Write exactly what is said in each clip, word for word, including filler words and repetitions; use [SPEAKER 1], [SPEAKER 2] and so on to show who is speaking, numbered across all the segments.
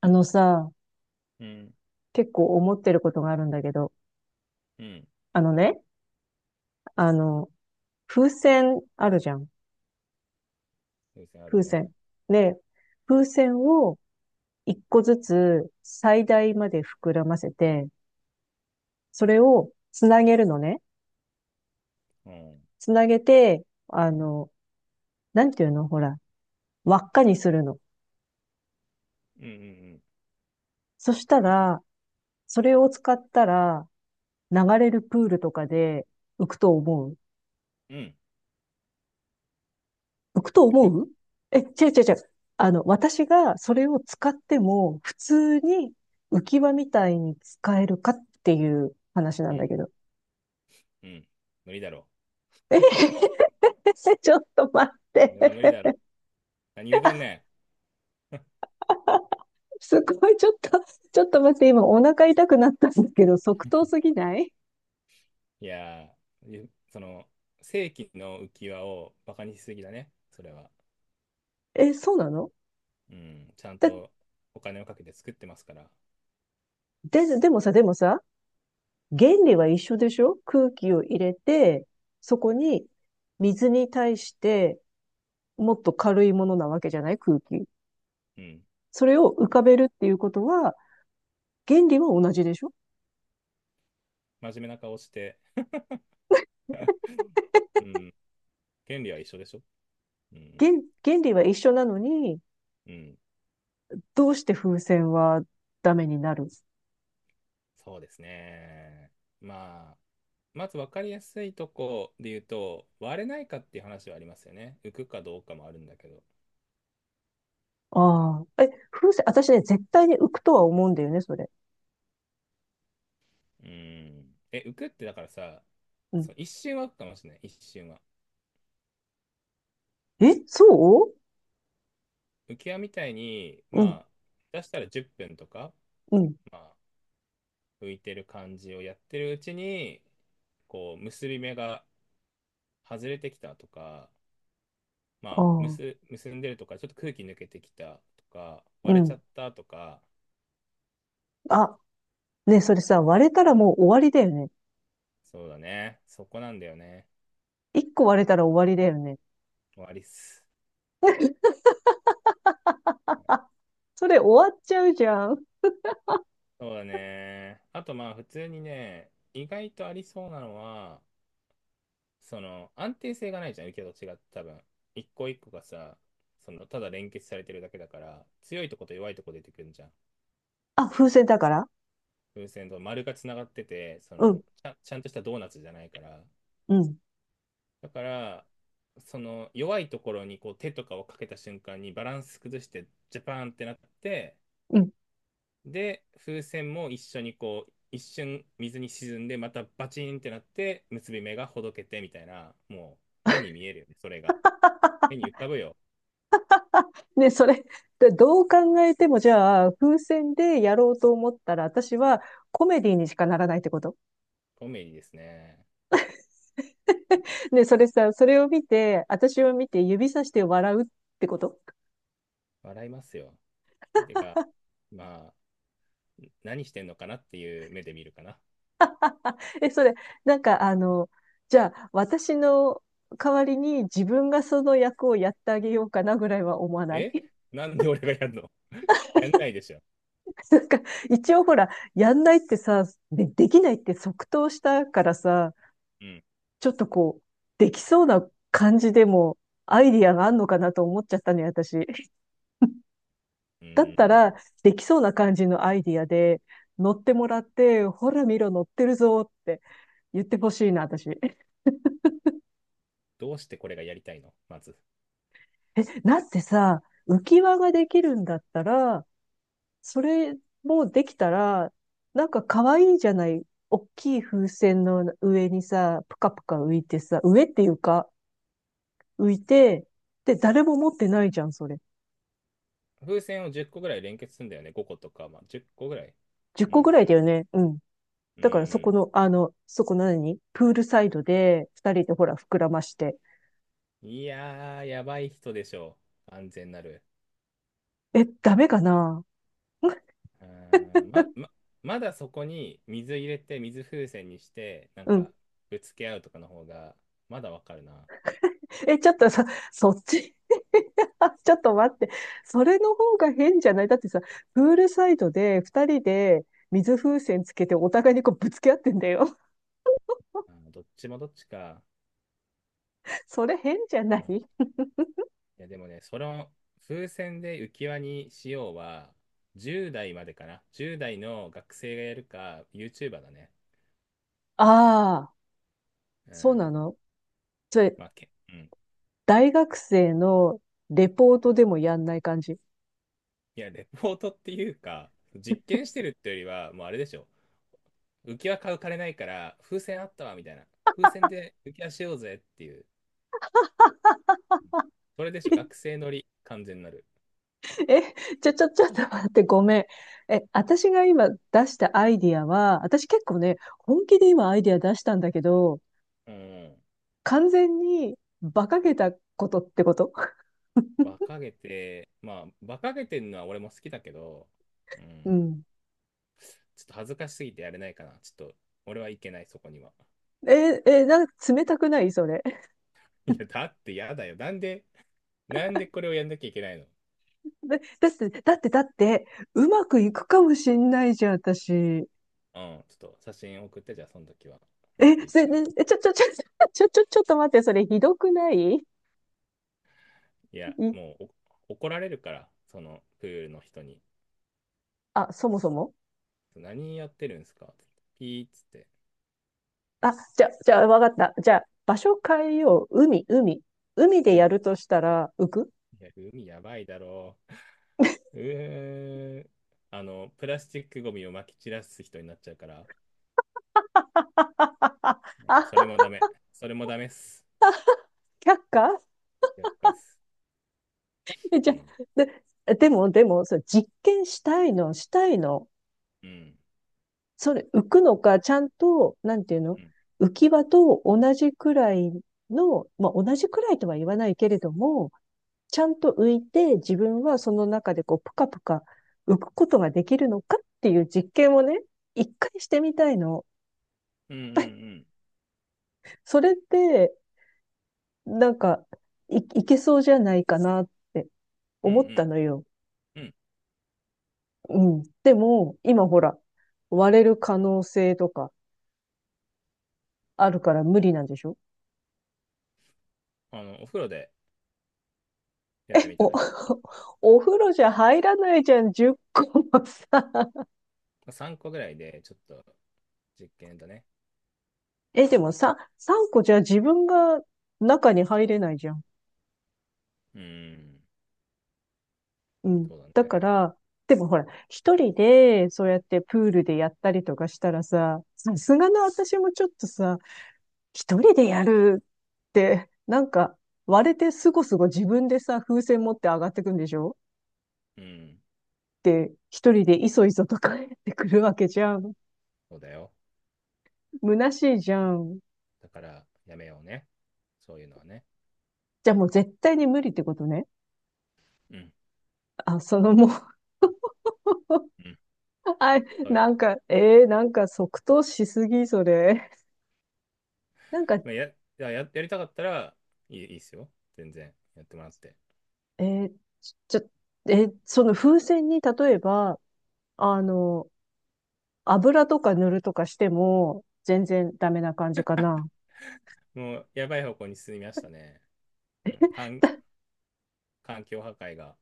[SPEAKER 1] あのさ、
[SPEAKER 2] うん、
[SPEAKER 1] 結構思ってることがあるんだけど、
[SPEAKER 2] うん、
[SPEAKER 1] あのね、あの、風船あるじゃん。
[SPEAKER 2] 優先ある
[SPEAKER 1] 風
[SPEAKER 2] ね。
[SPEAKER 1] 船。で、風船を一個ずつ最大まで膨らませて、それをつなげるのね。
[SPEAKER 2] うん、うん、
[SPEAKER 1] つなげて、あの、なんていうのほら、輪っかにするの。
[SPEAKER 2] うん、
[SPEAKER 1] そしたら、それを使ったら、流れるプールとかで浮くと思う。
[SPEAKER 2] うん、うん、
[SPEAKER 1] 浮くと
[SPEAKER 2] 行
[SPEAKER 1] 思
[SPEAKER 2] く、
[SPEAKER 1] う。え、違う違う違う。あの、私がそれを使っても、普通に浮き輪みたいに使えるかっていう話な
[SPEAKER 2] う
[SPEAKER 1] んだ
[SPEAKER 2] ん、
[SPEAKER 1] けど。
[SPEAKER 2] うん、無理だろう。
[SPEAKER 1] ちょっと待っ
[SPEAKER 2] それは無
[SPEAKER 1] て。
[SPEAKER 2] 理だろう。何言 うとん
[SPEAKER 1] あ、
[SPEAKER 2] ね
[SPEAKER 1] すごい、ちょっと、ちょっと待って、今お腹痛くなったんだけど、即答すぎない？
[SPEAKER 2] ん。いやー、ゆその、正規の浮き輪をバカにしすぎだね、それは。
[SPEAKER 1] え、そうなの？
[SPEAKER 2] うん、ちゃん
[SPEAKER 1] だ、
[SPEAKER 2] とお金をかけて作ってますから。
[SPEAKER 1] で、でもさ、でもさ、原理は一緒でしょ？空気を入れて、そこに水に対してもっと軽いものなわけじゃない？空気。
[SPEAKER 2] うん、
[SPEAKER 1] それを浮かべるっていうことは、原理は同じでしょ？
[SPEAKER 2] 真面目な顔して、うん、権利は一緒でしょ。うん、
[SPEAKER 1] 原、原理は一緒なのに、
[SPEAKER 2] うん。
[SPEAKER 1] どうして風船はダメになる？
[SPEAKER 2] そうですね。まあ、まず分かりやすいとこで言うと、割れないかっていう話はありますよね。浮くかどうかもあるんだけど。
[SPEAKER 1] ああ。え、風船、私ね、絶対に浮くとは思うんだよね、それ。
[SPEAKER 2] うん。え、浮くってだからさ、
[SPEAKER 1] うん。
[SPEAKER 2] そう、一瞬は浮くかもしれない。一瞬は。
[SPEAKER 1] え、そ
[SPEAKER 2] 浮き輪みたいに、
[SPEAKER 1] う。うん、
[SPEAKER 2] まあ、出したらじゅっぷんとか、
[SPEAKER 1] うん。
[SPEAKER 2] まあ、浮いてる感じをやってるうちに、こう、結び目が外れてきたとか、
[SPEAKER 1] あ
[SPEAKER 2] まあ、
[SPEAKER 1] あ、
[SPEAKER 2] 結、結んでるとか、ちょっと空気抜けてきたとか、
[SPEAKER 1] う
[SPEAKER 2] 割れち
[SPEAKER 1] ん。
[SPEAKER 2] ゃったとか、
[SPEAKER 1] あ、ね、それさ、割れたらもう終わりだよね。
[SPEAKER 2] そうだね。そこなんだよね。
[SPEAKER 1] 一個割れたら終わりだよね。
[SPEAKER 2] 終わりっす。
[SPEAKER 1] それ終わっちゃうじゃん。
[SPEAKER 2] そうだね。あとまあ普通にね、意外とありそうなのは、その安定性がないじゃん、受けと違って多分。一個一個がさ、そのただ連結されてるだけだから、強いとこと弱いとこ出てくるんじゃん。
[SPEAKER 1] あ、風船だから。
[SPEAKER 2] 風船と丸がつながってて、そ
[SPEAKER 1] う
[SPEAKER 2] の
[SPEAKER 1] ん、
[SPEAKER 2] ちゃん、ちゃんとしたドーナツじゃないから。
[SPEAKER 1] うん、
[SPEAKER 2] だから、その弱いところにこう手とかをかけた瞬間にバランス崩してジャパーンってなって、
[SPEAKER 1] うん。
[SPEAKER 2] で、風船も一緒にこう、一瞬水に沈んで、またバチンってなって、結び目がほどけてみたいな、もう目に見えるよね、それが。目 に浮かぶよ。
[SPEAKER 1] ね、それ、でどう考えても、じゃあ、風船でやろうと思ったら、私はコメディにしかならないってこと？
[SPEAKER 2] コメディですね。
[SPEAKER 1] ね、それさ、それを見て、私を見て指さして笑うってこと？
[SPEAKER 2] 笑いますよ。てか、まあ、何してんのかなっていう目で見るかな。
[SPEAKER 1] え、それ、なんか、あの、じゃあ、私の代わりに自分がその役をやってあげようかなぐらいは思わない？
[SPEAKER 2] え なんで俺がやるの。 やんないでしょ。
[SPEAKER 1] なんか、一応ほら、やんないってさ、で、できないって即答したからさ、
[SPEAKER 2] うん。
[SPEAKER 1] ちょっとこう、できそうな感じでも、アイディアがあんのかなと思っちゃったね、私。
[SPEAKER 2] う
[SPEAKER 1] だった
[SPEAKER 2] ー
[SPEAKER 1] ら、
[SPEAKER 2] ん。
[SPEAKER 1] できそうな感じのアイディアで、乗ってもらって、ほら見ろ、乗ってるぞって言ってほしいな、私。え、
[SPEAKER 2] どうしてこれがやりたいのまず。
[SPEAKER 1] だってさ、浮き輪ができるんだったら、それもできたら、なんか可愛いじゃない。大きい風船の上にさ、ぷかぷか浮いてさ、上っていうか、浮いて、で、誰も持ってないじゃん、それ。
[SPEAKER 2] 風船をじゅっこぐらい連結するんだよね。ごことか、まあ、じゅっこぐらい。
[SPEAKER 1] 10
[SPEAKER 2] う
[SPEAKER 1] 個ぐ
[SPEAKER 2] ん。
[SPEAKER 1] らいだよね。うん。
[SPEAKER 2] うんう
[SPEAKER 1] だからそこ
[SPEAKER 2] ん、
[SPEAKER 1] の、あの、そこ何プールサイドで、二人でほら、膨らまして、
[SPEAKER 2] いやー、やばい人でしょう。安全なる。
[SPEAKER 1] え、ダメかな？
[SPEAKER 2] あーま、ま、まだそこに水入れて、水風船にして、なん
[SPEAKER 1] うん。
[SPEAKER 2] か、ぶつけ合うとかの方が、まだわかるな。
[SPEAKER 1] え、ちょっとさ、そっち ちょっと待って。それの方が変じゃない？だってさ、プールサイドで二人で水風船つけてお互いにこうぶつけ合ってんだよ。
[SPEAKER 2] あー、どっちもどっちか。
[SPEAKER 1] それ変じゃな
[SPEAKER 2] うん、
[SPEAKER 1] い？
[SPEAKER 2] いや、でもね、その、風船で浮き輪にしようは、じゅう代までかな。じゅう代の学生がやるか、YouTuber だね。
[SPEAKER 1] ああー、
[SPEAKER 2] う
[SPEAKER 1] そうな
[SPEAKER 2] ん。
[SPEAKER 1] の？それ、
[SPEAKER 2] まあ、け、うん。
[SPEAKER 1] 大学生のレポートでもやんない感じ？
[SPEAKER 2] いや、レポートっていうか、実験してるってよりは、もうあれでしょ。浮き輪買う金ないから、風船あったわ、みたいな。風船で浮き輪しようぜっていう。それでしょ。学 生乗り、完全なる。
[SPEAKER 1] え、ちょ、ちょ、ちょっと待って、ごめん。え、私が今出したアイディアは、私結構ね、本気で今アイディア出したんだけど、
[SPEAKER 2] うん。
[SPEAKER 1] 完全に馬鹿げたことってこと？
[SPEAKER 2] 馬鹿げて、まあ、馬鹿げてるのは俺も好きだけど、う
[SPEAKER 1] う
[SPEAKER 2] ん。
[SPEAKER 1] ん。
[SPEAKER 2] ちょっと恥ずかしすぎてやれないかな。ちょっと、俺はいけない、そこには。
[SPEAKER 1] え、え、なんか冷たくない？それ。
[SPEAKER 2] いや、だってやだよ。なんで、なんでこれをやんなきゃいけないの。
[SPEAKER 1] だ、だって、だって、だって、うまくいくかもしんないじゃん、私。
[SPEAKER 2] うん。ちょっと写真送って、じゃあ、その時は。うまく
[SPEAKER 1] え、
[SPEAKER 2] いっ
[SPEAKER 1] それ
[SPEAKER 2] たよ。
[SPEAKER 1] ねえ、ちょ、ちょ、ちょ、ちょ、ちょ、ちょっと待って、それひどくない？
[SPEAKER 2] いや、
[SPEAKER 1] い、
[SPEAKER 2] もうお怒られるから、そのプールの人に。
[SPEAKER 1] あ、そもそも、
[SPEAKER 2] 何やってるんですかってピーっつって、
[SPEAKER 1] あ、じゃ、じゃあ、わかった。じゃあ、場所変えよう。海、海。海で
[SPEAKER 2] 海、
[SPEAKER 1] や
[SPEAKER 2] い
[SPEAKER 1] るとしたら、浮く？
[SPEAKER 2] や、海やばいだろう。うーん、あの、プラスチックゴミを撒き散らす人になっちゃうから、
[SPEAKER 1] あ、
[SPEAKER 2] うん、それもダメ。それもダメっす。
[SPEAKER 1] 却下？
[SPEAKER 2] やっかっす。
[SPEAKER 1] え、じ
[SPEAKER 2] う
[SPEAKER 1] ゃ
[SPEAKER 2] ん、
[SPEAKER 1] あ、で、でも、でも、そう、実験したいの、したいの。
[SPEAKER 2] うん、
[SPEAKER 1] それ、浮くのか、ちゃんと、なんていうの？
[SPEAKER 2] うん、
[SPEAKER 1] 浮き輪と同じくらいの、まあ、同じくらいとは言わないけれども、ちゃんと浮いて自分はその中でこう、ぷかぷか浮くことができるのかっていう実験をね、一回してみたいの。
[SPEAKER 2] うん、うん、
[SPEAKER 1] それって、なんか、い、いけそうじゃないかなって
[SPEAKER 2] うん、う
[SPEAKER 1] 思った
[SPEAKER 2] ん、
[SPEAKER 1] のよ。
[SPEAKER 2] うん、うん。
[SPEAKER 1] うん。でも、今ほら、割れる可能性とかあるから無理なんでしょ？
[SPEAKER 2] あの、お風呂でやって
[SPEAKER 1] え、
[SPEAKER 2] みた
[SPEAKER 1] お、
[SPEAKER 2] らいい。うん、
[SPEAKER 1] お風呂じゃ入らないじゃん、じゅっこもさ。
[SPEAKER 2] まあさんこぐらいで、ちょっと実験だね。
[SPEAKER 1] え、でもさ、さんこじゃ自分が中に入れないじゃん。
[SPEAKER 2] うん、
[SPEAKER 1] うん。
[SPEAKER 2] そう
[SPEAKER 1] だ
[SPEAKER 2] だ
[SPEAKER 1] か
[SPEAKER 2] ね。
[SPEAKER 1] ら、でもほら、一人で、そうやってプールでやったりとかしたらさ、さすがの私もちょっとさ、一人でやるって、なんか、割れてすごすご自分でさ、風船持って上がってくんでしょっ
[SPEAKER 2] うん、
[SPEAKER 1] て一人でいそいそと帰ってくるわけじゃん。
[SPEAKER 2] そうだよ。
[SPEAKER 1] 虚しいじゃん。
[SPEAKER 2] だから、やめようね。そういうのはね。
[SPEAKER 1] じゃあもう絶対に無理ってことね。
[SPEAKER 2] うん。
[SPEAKER 1] あ、そのもう
[SPEAKER 2] うん。
[SPEAKER 1] あ、
[SPEAKER 2] そうい
[SPEAKER 1] な
[SPEAKER 2] う、
[SPEAKER 1] んか、えー、なんか即答しすぎ、それ。なんか、
[SPEAKER 2] まあ、やややりたかったらいい、いいっすよ。全然。やってもらって。
[SPEAKER 1] えー、ちょ、えーその風船に例えば、あの、油とか塗るとかしても、全然ダメな感じかな。
[SPEAKER 2] もう、やばい方向に進みましたね。うん、環環境破壊が。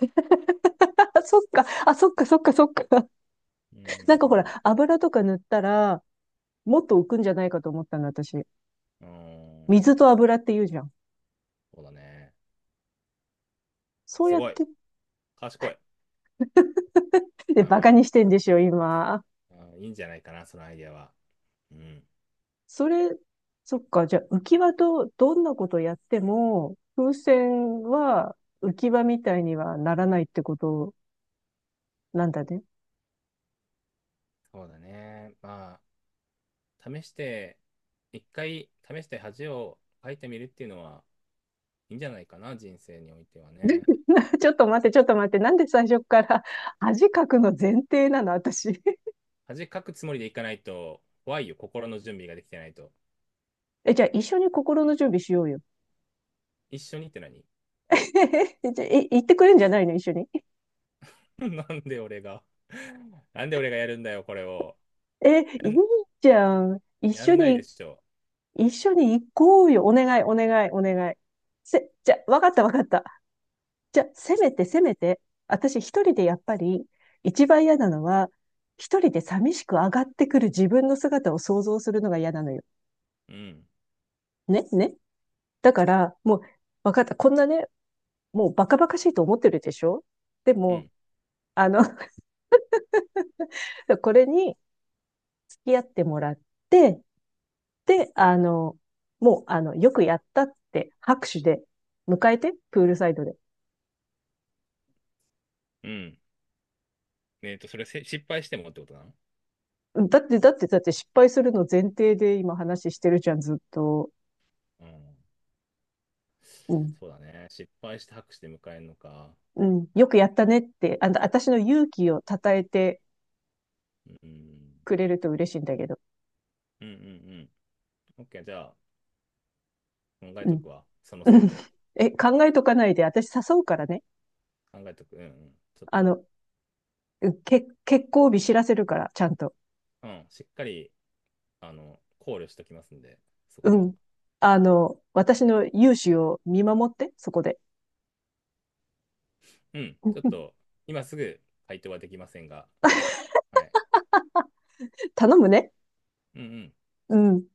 [SPEAKER 1] あ、そっか、あ、そっか、そっか、そっか。
[SPEAKER 2] うー
[SPEAKER 1] なんかほ
[SPEAKER 2] ん。
[SPEAKER 1] ら、油とか塗ったら、もっと浮くんじゃないかと思ったの、私。
[SPEAKER 2] うー
[SPEAKER 1] 水
[SPEAKER 2] ん。
[SPEAKER 1] と油って言うじゃん。
[SPEAKER 2] そうだね。
[SPEAKER 1] そう
[SPEAKER 2] す
[SPEAKER 1] やっ
[SPEAKER 2] ごい。
[SPEAKER 1] て、
[SPEAKER 2] 賢い。う
[SPEAKER 1] で、バカ
[SPEAKER 2] ん。
[SPEAKER 1] にしてんでしょ、今。
[SPEAKER 2] うん、いいんじゃないかな、そのアイデアは。うん。
[SPEAKER 1] それ、そっか、じゃあ浮き輪とどんなことやっても、風船は浮き輪みたいにはならないってことなんだね。
[SPEAKER 2] そうだね。まあ、試して、一回試して恥をかいてみるっていうのはいいんじゃないかな、人生においてはね。
[SPEAKER 1] ちょっと待って、ちょっと待って、なんで最初から恥かくの前提なの、私。
[SPEAKER 2] 恥かくつもりでいかないと怖いよ、心の準備ができてないと。
[SPEAKER 1] え、じゃあ一緒に心の準備しようよ。
[SPEAKER 2] 一緒にって何。
[SPEAKER 1] え、じゃあ、え、行ってくれんじゃないの、一緒に。
[SPEAKER 2] なんで俺が なんで俺がやるんだよ、これを。
[SPEAKER 1] え、い
[SPEAKER 2] や
[SPEAKER 1] い
[SPEAKER 2] ん、
[SPEAKER 1] じゃん。一
[SPEAKER 2] や
[SPEAKER 1] 緒
[SPEAKER 2] んないで
[SPEAKER 1] に、
[SPEAKER 2] しょ。
[SPEAKER 1] 一緒に行こうよ。お願い、お願い、お願い。せ、じゃあ、わかった、わかった。じゃあ、せめてせめて、私一人でやっぱり、一番嫌なのは、一人で寂しく上がってくる自分の姿を想像するのが嫌なのよ。
[SPEAKER 2] うん、
[SPEAKER 1] ね、ね。だから、もう、わかった。こんなね、もうバカバカしいと思ってるでしょ？で
[SPEAKER 2] う
[SPEAKER 1] も、
[SPEAKER 2] ん、
[SPEAKER 1] あの、これに付き合ってもらって、で、あの、もう、あの、よくやったって拍手で迎えて、プールサイドで。
[SPEAKER 2] うん。えっと、それせ失敗してもってことなの。
[SPEAKER 1] うん、だって、だって、だって失敗するの前提で今話してるじゃん、ずっと。
[SPEAKER 2] うん。
[SPEAKER 1] うん。
[SPEAKER 2] そうだね。失敗して拍手で迎えるのか。
[SPEAKER 1] うん、よくやったねって、あの、私の勇気を称えて
[SPEAKER 2] うん。
[SPEAKER 1] くれると嬉しいんだけど。
[SPEAKER 2] うんうんうん。OK、じゃあ、考え
[SPEAKER 1] うん。う
[SPEAKER 2] と
[SPEAKER 1] ん
[SPEAKER 2] くわ。その線で。
[SPEAKER 1] え、考えとかないで、私誘うからね。
[SPEAKER 2] 考えとく。うんうん。ちょっ
[SPEAKER 1] あ
[SPEAKER 2] と、
[SPEAKER 1] の、け、結婚日知らせるから、ちゃんと。
[SPEAKER 2] うん。しっかり、あの、考慮しときますんで、そ
[SPEAKER 1] う
[SPEAKER 2] こは。
[SPEAKER 1] ん。あの、私の勇姿を見守って、そこで。
[SPEAKER 2] うん、ちょっと 今すぐ回答はできませんが、はい。
[SPEAKER 1] 頼むね。
[SPEAKER 2] うんうん。
[SPEAKER 1] うん。